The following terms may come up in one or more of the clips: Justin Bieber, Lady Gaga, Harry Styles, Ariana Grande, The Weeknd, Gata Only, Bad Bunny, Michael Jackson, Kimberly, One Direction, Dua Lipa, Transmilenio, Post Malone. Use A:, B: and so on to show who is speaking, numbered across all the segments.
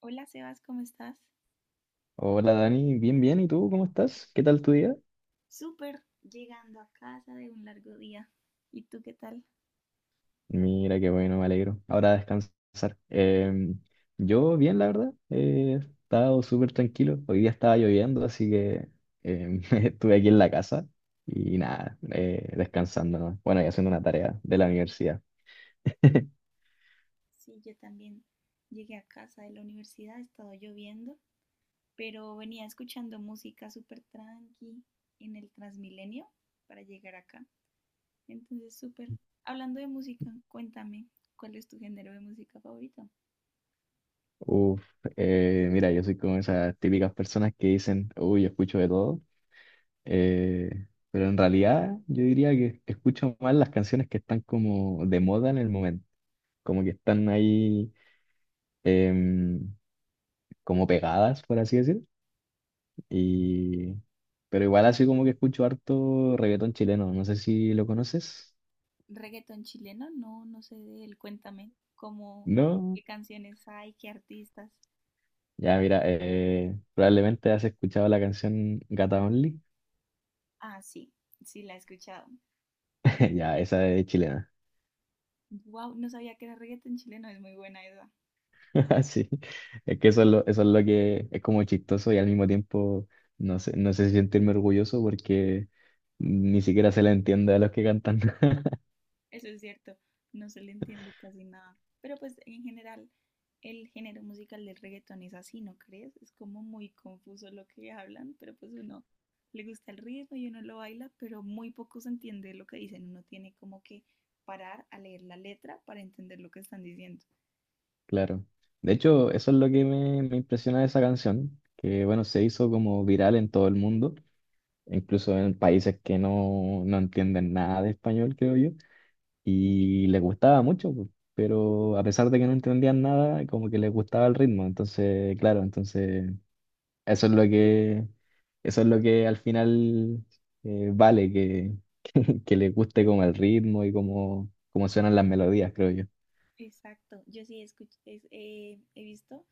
A: Hola Sebas, ¿cómo estás?
B: Hola Dani, bien, bien, ¿y tú cómo estás? ¿Qué tal tu día?
A: Súper, llegando a casa de un largo día. ¿Y tú qué tal?
B: Mira, qué bueno, me alegro. Ahora a descansar. Em, yo bien, la verdad, he estado súper tranquilo. Hoy día estaba lloviendo, así que estuve aquí en la casa y nada, descansando, ¿no? Bueno, y haciendo una tarea de la universidad.
A: Sí, yo también llegué a casa de la universidad, ha estado lloviendo, pero venía escuchando música súper tranqui en el Transmilenio para llegar acá. Entonces, súper. Hablando de música, cuéntame, ¿cuál es tu género de música favorito?
B: Uf, mira, yo soy como esas típicas personas que dicen, uy, yo escucho de todo, pero en realidad yo diría que escucho más las canciones que están como de moda en el momento. Como que están ahí em, como pegadas, por así decir. Y... pero igual así como que escucho harto reggaetón chileno, no sé si lo conoces.
A: ¿Reggaetón chileno? No, no sé de él, cuéntame, ¿cómo,
B: No.
A: qué canciones hay, qué artistas?
B: Ya, mira, probablemente has escuchado la canción Gata Only.
A: Ah, sí, sí la he escuchado.
B: Ya, esa es chilena.
A: Wow, no sabía que era reggaetón chileno, es muy buena esa.
B: Sí, es que eso es lo que es como chistoso y al mismo tiempo no sé, no sé si sentirme orgulloso porque ni siquiera se le entiende a los que cantan.
A: Eso es cierto, no se le entiende casi nada. Pero pues en general, el género musical del reggaetón es así, ¿no crees? Es como muy confuso lo que hablan, pero pues uno le gusta el ritmo y uno lo baila, pero muy poco se entiende lo que dicen. Uno tiene como que parar a leer la letra para entender lo que están diciendo.
B: Claro. De hecho, eso es lo que me impresiona de esa canción, que bueno, se hizo como viral en todo el mundo, incluso en países que no entienden nada de español, creo yo, y les gustaba mucho, pues, pero a pesar de que no entendían nada, como que les gustaba el ritmo. Entonces, claro, entonces eso es lo que, eso es lo que al final vale, que, que, les guste como el ritmo y como suenan las melodías, creo yo.
A: Exacto, yo sí he visto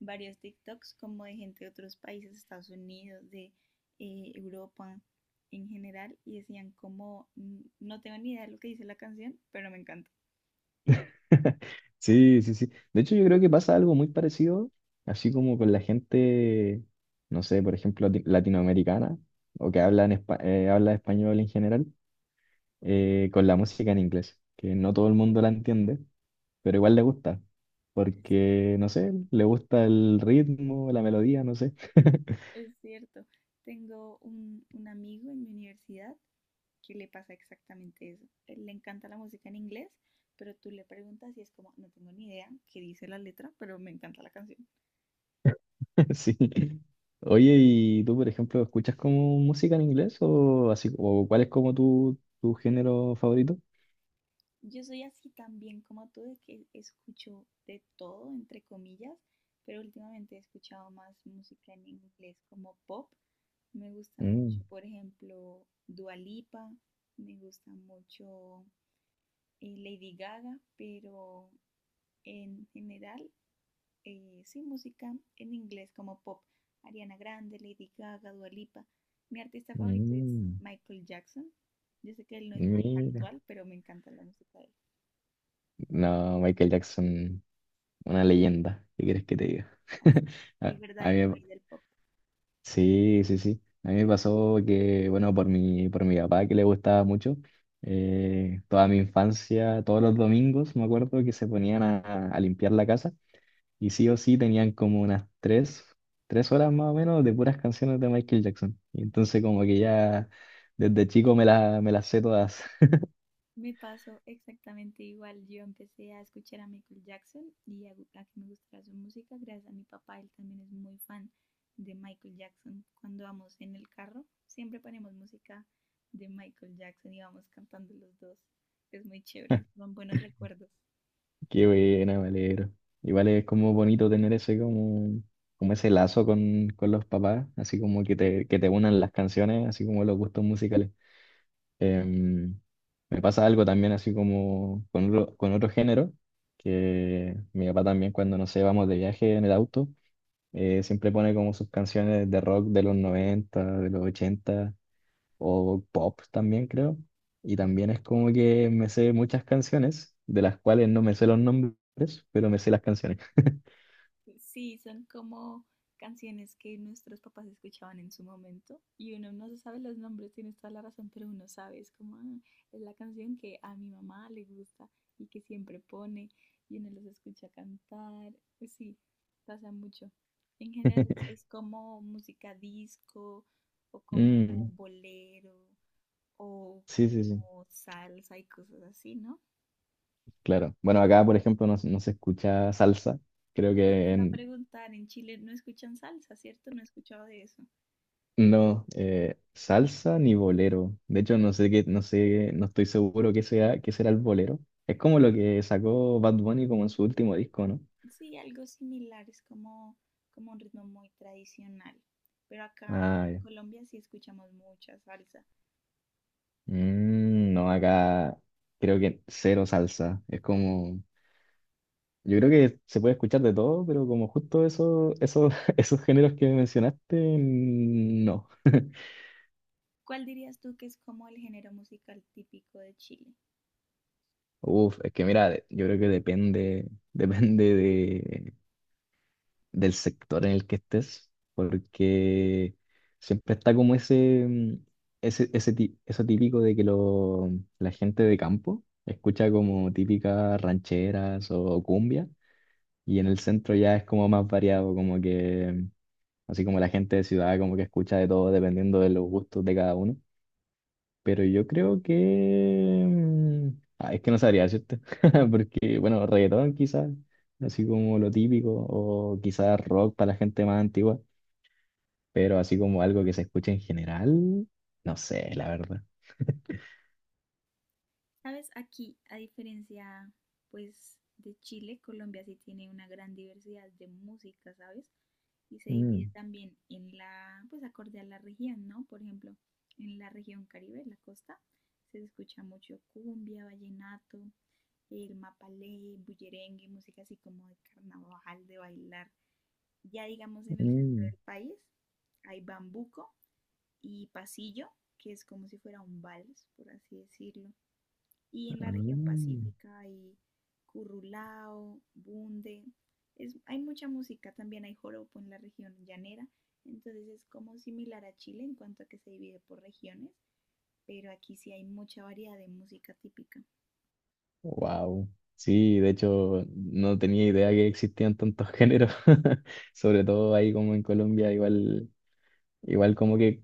A: varios TikToks como de gente de otros países, Estados Unidos, de Europa en general, y decían como, "Mm, no tengo ni idea de lo que dice la canción, pero me encanta".
B: Sí, sí, sí. De hecho, yo creo que pasa algo muy parecido, así como con la gente, no sé, por ejemplo, latinoamericana, o que habla, habla español en general, con la música en inglés, que no todo el mundo la entiende, pero igual le gusta,
A: Es cier-
B: porque, no sé, le gusta el ritmo, la melodía, no sé.
A: es cierto, tengo un amigo en mi universidad que le pasa exactamente eso. Él le encanta la música en inglés, pero tú le preguntas y es como, no tengo ni idea qué dice la letra, pero me encanta la canción.
B: Sí. Oye, ¿y tú, por ejemplo, escuchas como música en inglés o así, o cuál es como tu género favorito?
A: Yo soy así también como tú, de que escucho de todo, entre comillas, pero últimamente he escuchado más música en inglés como pop. Me gusta mucho,
B: Mm,
A: por ejemplo, Dua Lipa, me gusta mucho Lady Gaga, pero en general, sí, música en inglés como pop. Ariana Grande, Lady Gaga, Dua Lipa. Mi artista favorito es
B: mm.
A: Michael Jackson. Yo sé que él no es muy
B: Mira,
A: actual, pero me encanta la música de él.
B: no, Michael Jackson, una leyenda, ¿qué quieres que te diga?
A: Así es, el
B: A, a
A: verdadero
B: mí, me-
A: rey del pop.
B: sí, sí, sí. A mí me pasó que, bueno, por mi papá que le gustaba mucho, toda mi infancia, todos los domingos, me acuerdo que se ponían a limpiar la casa y sí o sí tenían como unas 3 horas más o menos de puras canciones de Michael Jackson. Y entonces como que ya desde chico me las sé todas.
A: Me pasó exactamente igual. Yo empecé a escuchar a Michael Jackson y a que me gustara su música gracias a mi papá. Él también es muy fan de Michael Jackson. Cuando vamos en el carro, siempre ponemos música de Michael Jackson y vamos cantando los dos. Es muy chévere, son buenos recuerdos.
B: Qué buena, me alegro. Igual es como bonito tener ese como, como ese lazo con los papás, así como que que te unan las canciones, así como los gustos musicales. Em, me pasa algo también así como con otro género, que mi papá también cuando, no sé, vamos de viaje en el auto, siempre pone como sus canciones de rock de los 90, de los 80 o pop también creo. Y también es como que me sé muchas canciones, de las cuales no me sé los nombres, pero me sé las canciones.
A: Sí, son como canciones que nuestros papás escuchaban en su momento y uno no se sabe los nombres, tienes toda la razón, pero uno sabe, es como, "Ah, es la canción que a mi mamá le gusta y que siempre pone y uno los escucha cantar". Pues sí, pasa mucho. En general es como música disco o como
B: Mm,
A: bolero o
B: sí, sí, sí,
A: como salsa y cosas así, ¿no?
B: claro. Bueno, acá, por ejemplo, no, se no se escucha salsa. Creo
A: Eso te
B: que
A: iba a
B: en-
A: preguntar, en Chile no escuchan salsa, ¿cierto? No he escuchado de eso.
B: no, salsa ni bolero. De hecho, no sé, no estoy seguro qué sea, qué será el bolero. Es como lo que sacó Bad Bunny como en su último disco, ¿no?
A: Sí, algo similar, es como, como un ritmo muy tradicional, pero acá
B: Ah,
A: en
B: ya.
A: Colombia sí escuchamos mucha salsa.
B: Mm, no, acá creo que cero salsa. Es como, yo creo que se puede escuchar de todo, pero como justo eso, esos esos géneros que mencionaste, mm, no.
A: ¿Cuál dirías tú que es como el género musical típico de Chile?
B: Uf, es que mira, de- yo creo que depende, depende del sector en el que estés, porque siempre está como ese, mm, ese ti- eso típico de que la gente de campo escucha como típicas rancheras o cumbia, y en el centro ya es como más variado, como que así como la gente de ciudad como que escucha de todo dependiendo de los gustos de cada uno. Pero yo creo que... mm, ah, es que no sabría decirte. Porque, bueno, reggaetón quizás, así como lo típico, o quizás rock para la gente más antigua. Pero así como algo que se escuche en general, no sé, la verdad.
A: Sabes, aquí, a diferencia, pues, de Chile, Colombia sí tiene una gran diversidad de música, ¿sabes? Y se divide también en la, pues, acorde a la región, ¿no? Por ejemplo, en la región Caribe, en la costa, se escucha mucho cumbia, vallenato, el mapalé, bullerengue, música así como de carnaval, de bailar. Ya digamos en el centro del país hay bambuco y pasillo, que es como si fuera un vals, por así decirlo. Y en la región pacífica hay currulao, bunde. Es, hay mucha música, también hay joropo en la región llanera. Entonces es como similar a Chile en cuanto a que se divide por regiones, pero aquí sí hay mucha variedad de música típica.
B: Wow. Sí, de hecho, no tenía idea que existían tantos géneros. Sobre todo ahí como en Colombia, igual... igual como que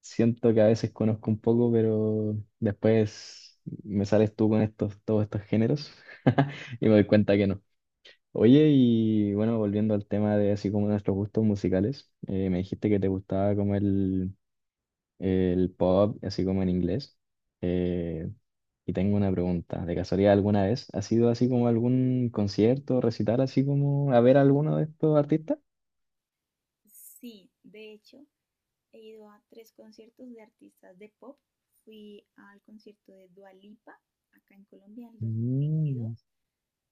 B: siento que a veces conozco un poco, pero después me sales tú con todos estos géneros y me doy cuenta que no. Oye, y bueno, volviendo al tema de así como nuestros gustos musicales, me dijiste que te gustaba como el pop, así como en inglés. Eh, y tengo una pregunta, ¿de casualidad alguna vez has ido así como a algún concierto, recital, así como a ver a alguno de estos artistas?
A: Sí, de hecho, he ido a 3 conciertos de artistas de pop. Fui al concierto de Dua Lipa acá en Colombia en el
B: Mm,
A: 2022,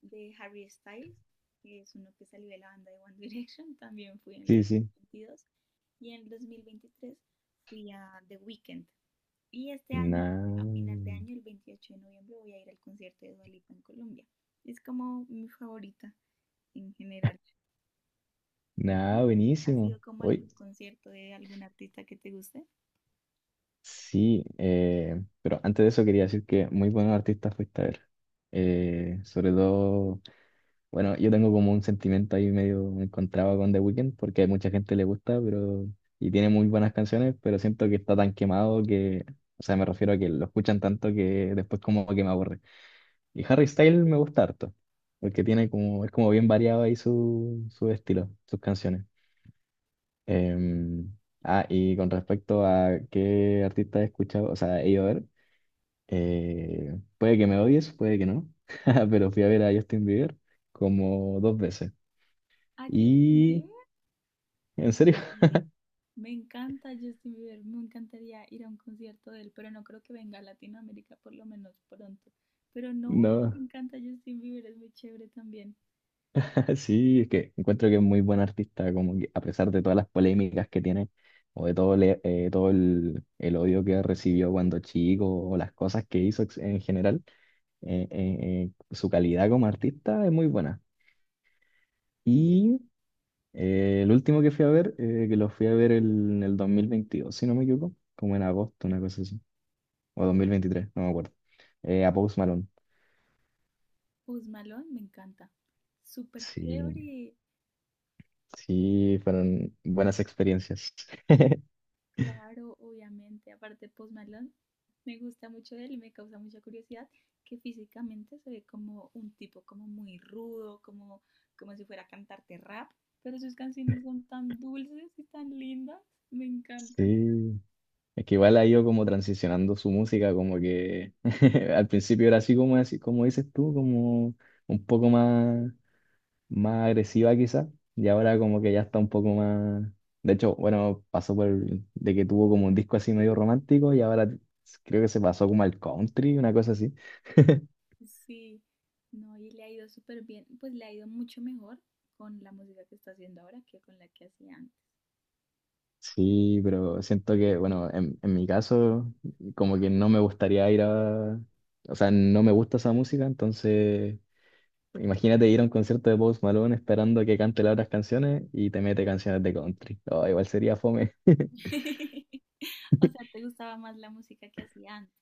A: de Harry Styles, que es uno que salió de la banda de One Direction, también fui en el
B: sí,
A: dos
B: sí.
A: mil veintidós Y en el 2023 fui a The Weeknd. Y este año, a final de
B: Nah,
A: año, el 28 de noviembre, voy a ir al concierto de Dua Lipa en Colombia. Es como mi favorita en general. ¿Y
B: nah,
A: tú? ¿Has
B: buenísimo.
A: sido como a
B: Hoy
A: algún concierto de algún artista que te guste?
B: sí, pero antes de eso quería decir que muy buenos artistas fuiste a ver. Sobre todo, bueno, yo tengo como un sentimiento ahí medio encontrado con The Weeknd, porque a mucha gente le gusta, pero, y tiene muy buenas canciones, pero siento que está tan quemado que, o sea, me refiero a que lo escuchan tanto que después como que me aburre. Y Harry Styles me gusta harto, porque tiene como, es como bien variado ahí su estilo, sus canciones. Em, ah, y con respecto a qué artista he escuchado, o sea, he ido a ver. Puede que me odies, puede que no, pero fui a ver a Justin Bieber como dos veces.
A: A Justin
B: Y,
A: Bieber
B: en serio,
A: en video. Me encanta Justin Bieber, me encantaría ir a un concierto de él, pero no creo que venga a Latinoamérica por lo menos pronto. Pero no, me
B: no,
A: encanta Justin Bieber, es muy chévere también.
B: sí, es que encuentro que es muy buen artista, como que a pesar de todas las polémicas que tiene, o de todo, todo el odio que recibió cuando chico, o las cosas que hizo en general, su calidad como artista es muy buena. Y el último que fui a ver, que lo fui a ver en el 2022 si no me equivoco, como en agosto, una cosa así. O 2023 no me acuerdo. A Post Malone.
A: Post Malone me encanta. Súper
B: Sí,
A: chévere,
B: sí, fueron buenas experiencias.
A: claro, obviamente. Aparte, Post Malone me gusta mucho de él y me causa mucha curiosidad que físicamente se ve como un tipo como muy rudo, como, como si fuera a cantarte rap, pero sus canciones son tan dulces y tan lindas, me encantan.
B: Sí, es que igual ha ido como transicionando su música, como que al principio era así como dices tú, como un poco más, más agresiva quizás, y ahora como que ya está un poco más... de hecho, bueno, pasó por de que tuvo como un disco así medio romántico y ahora creo que se pasó como al country, una cosa así.
A: Sí, no, y le ha ido súper bien, pues le ha ido mucho mejor con la música que está haciendo ahora que con la que hacía antes.
B: Sí, pero siento que, bueno, en mi caso, como que no me gustaría ir a... o sea, no me gusta esa música, entonces imagínate ir a un concierto de Post Malone esperando que cante las otras canciones y te mete canciones de country. Oh, igual sería fome.
A: O sea, te gustaba más la música que hacía antes.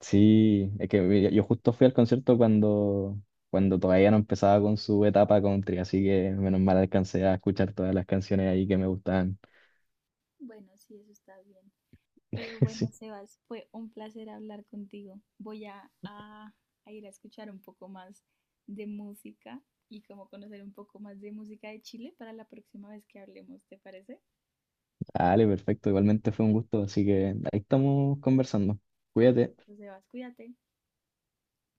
B: Sí, es que mira, yo justo fui al concierto cuando todavía no empezaba con su etapa country, así que menos mal alcancé a escuchar todas las canciones ahí que me gustaban.
A: Bueno, sí, eso está bien. Pero bueno,
B: Sí,
A: Sebas, fue un placer hablar contigo. Voy a, a ir a escuchar un poco más de música y como conocer un poco más de música de Chile para la próxima vez que hablemos, ¿te parece?
B: dale, perfecto. Igualmente fue un gusto, así que ahí estamos conversando. Cuídate.
A: Entonces, Sebas, cuídate.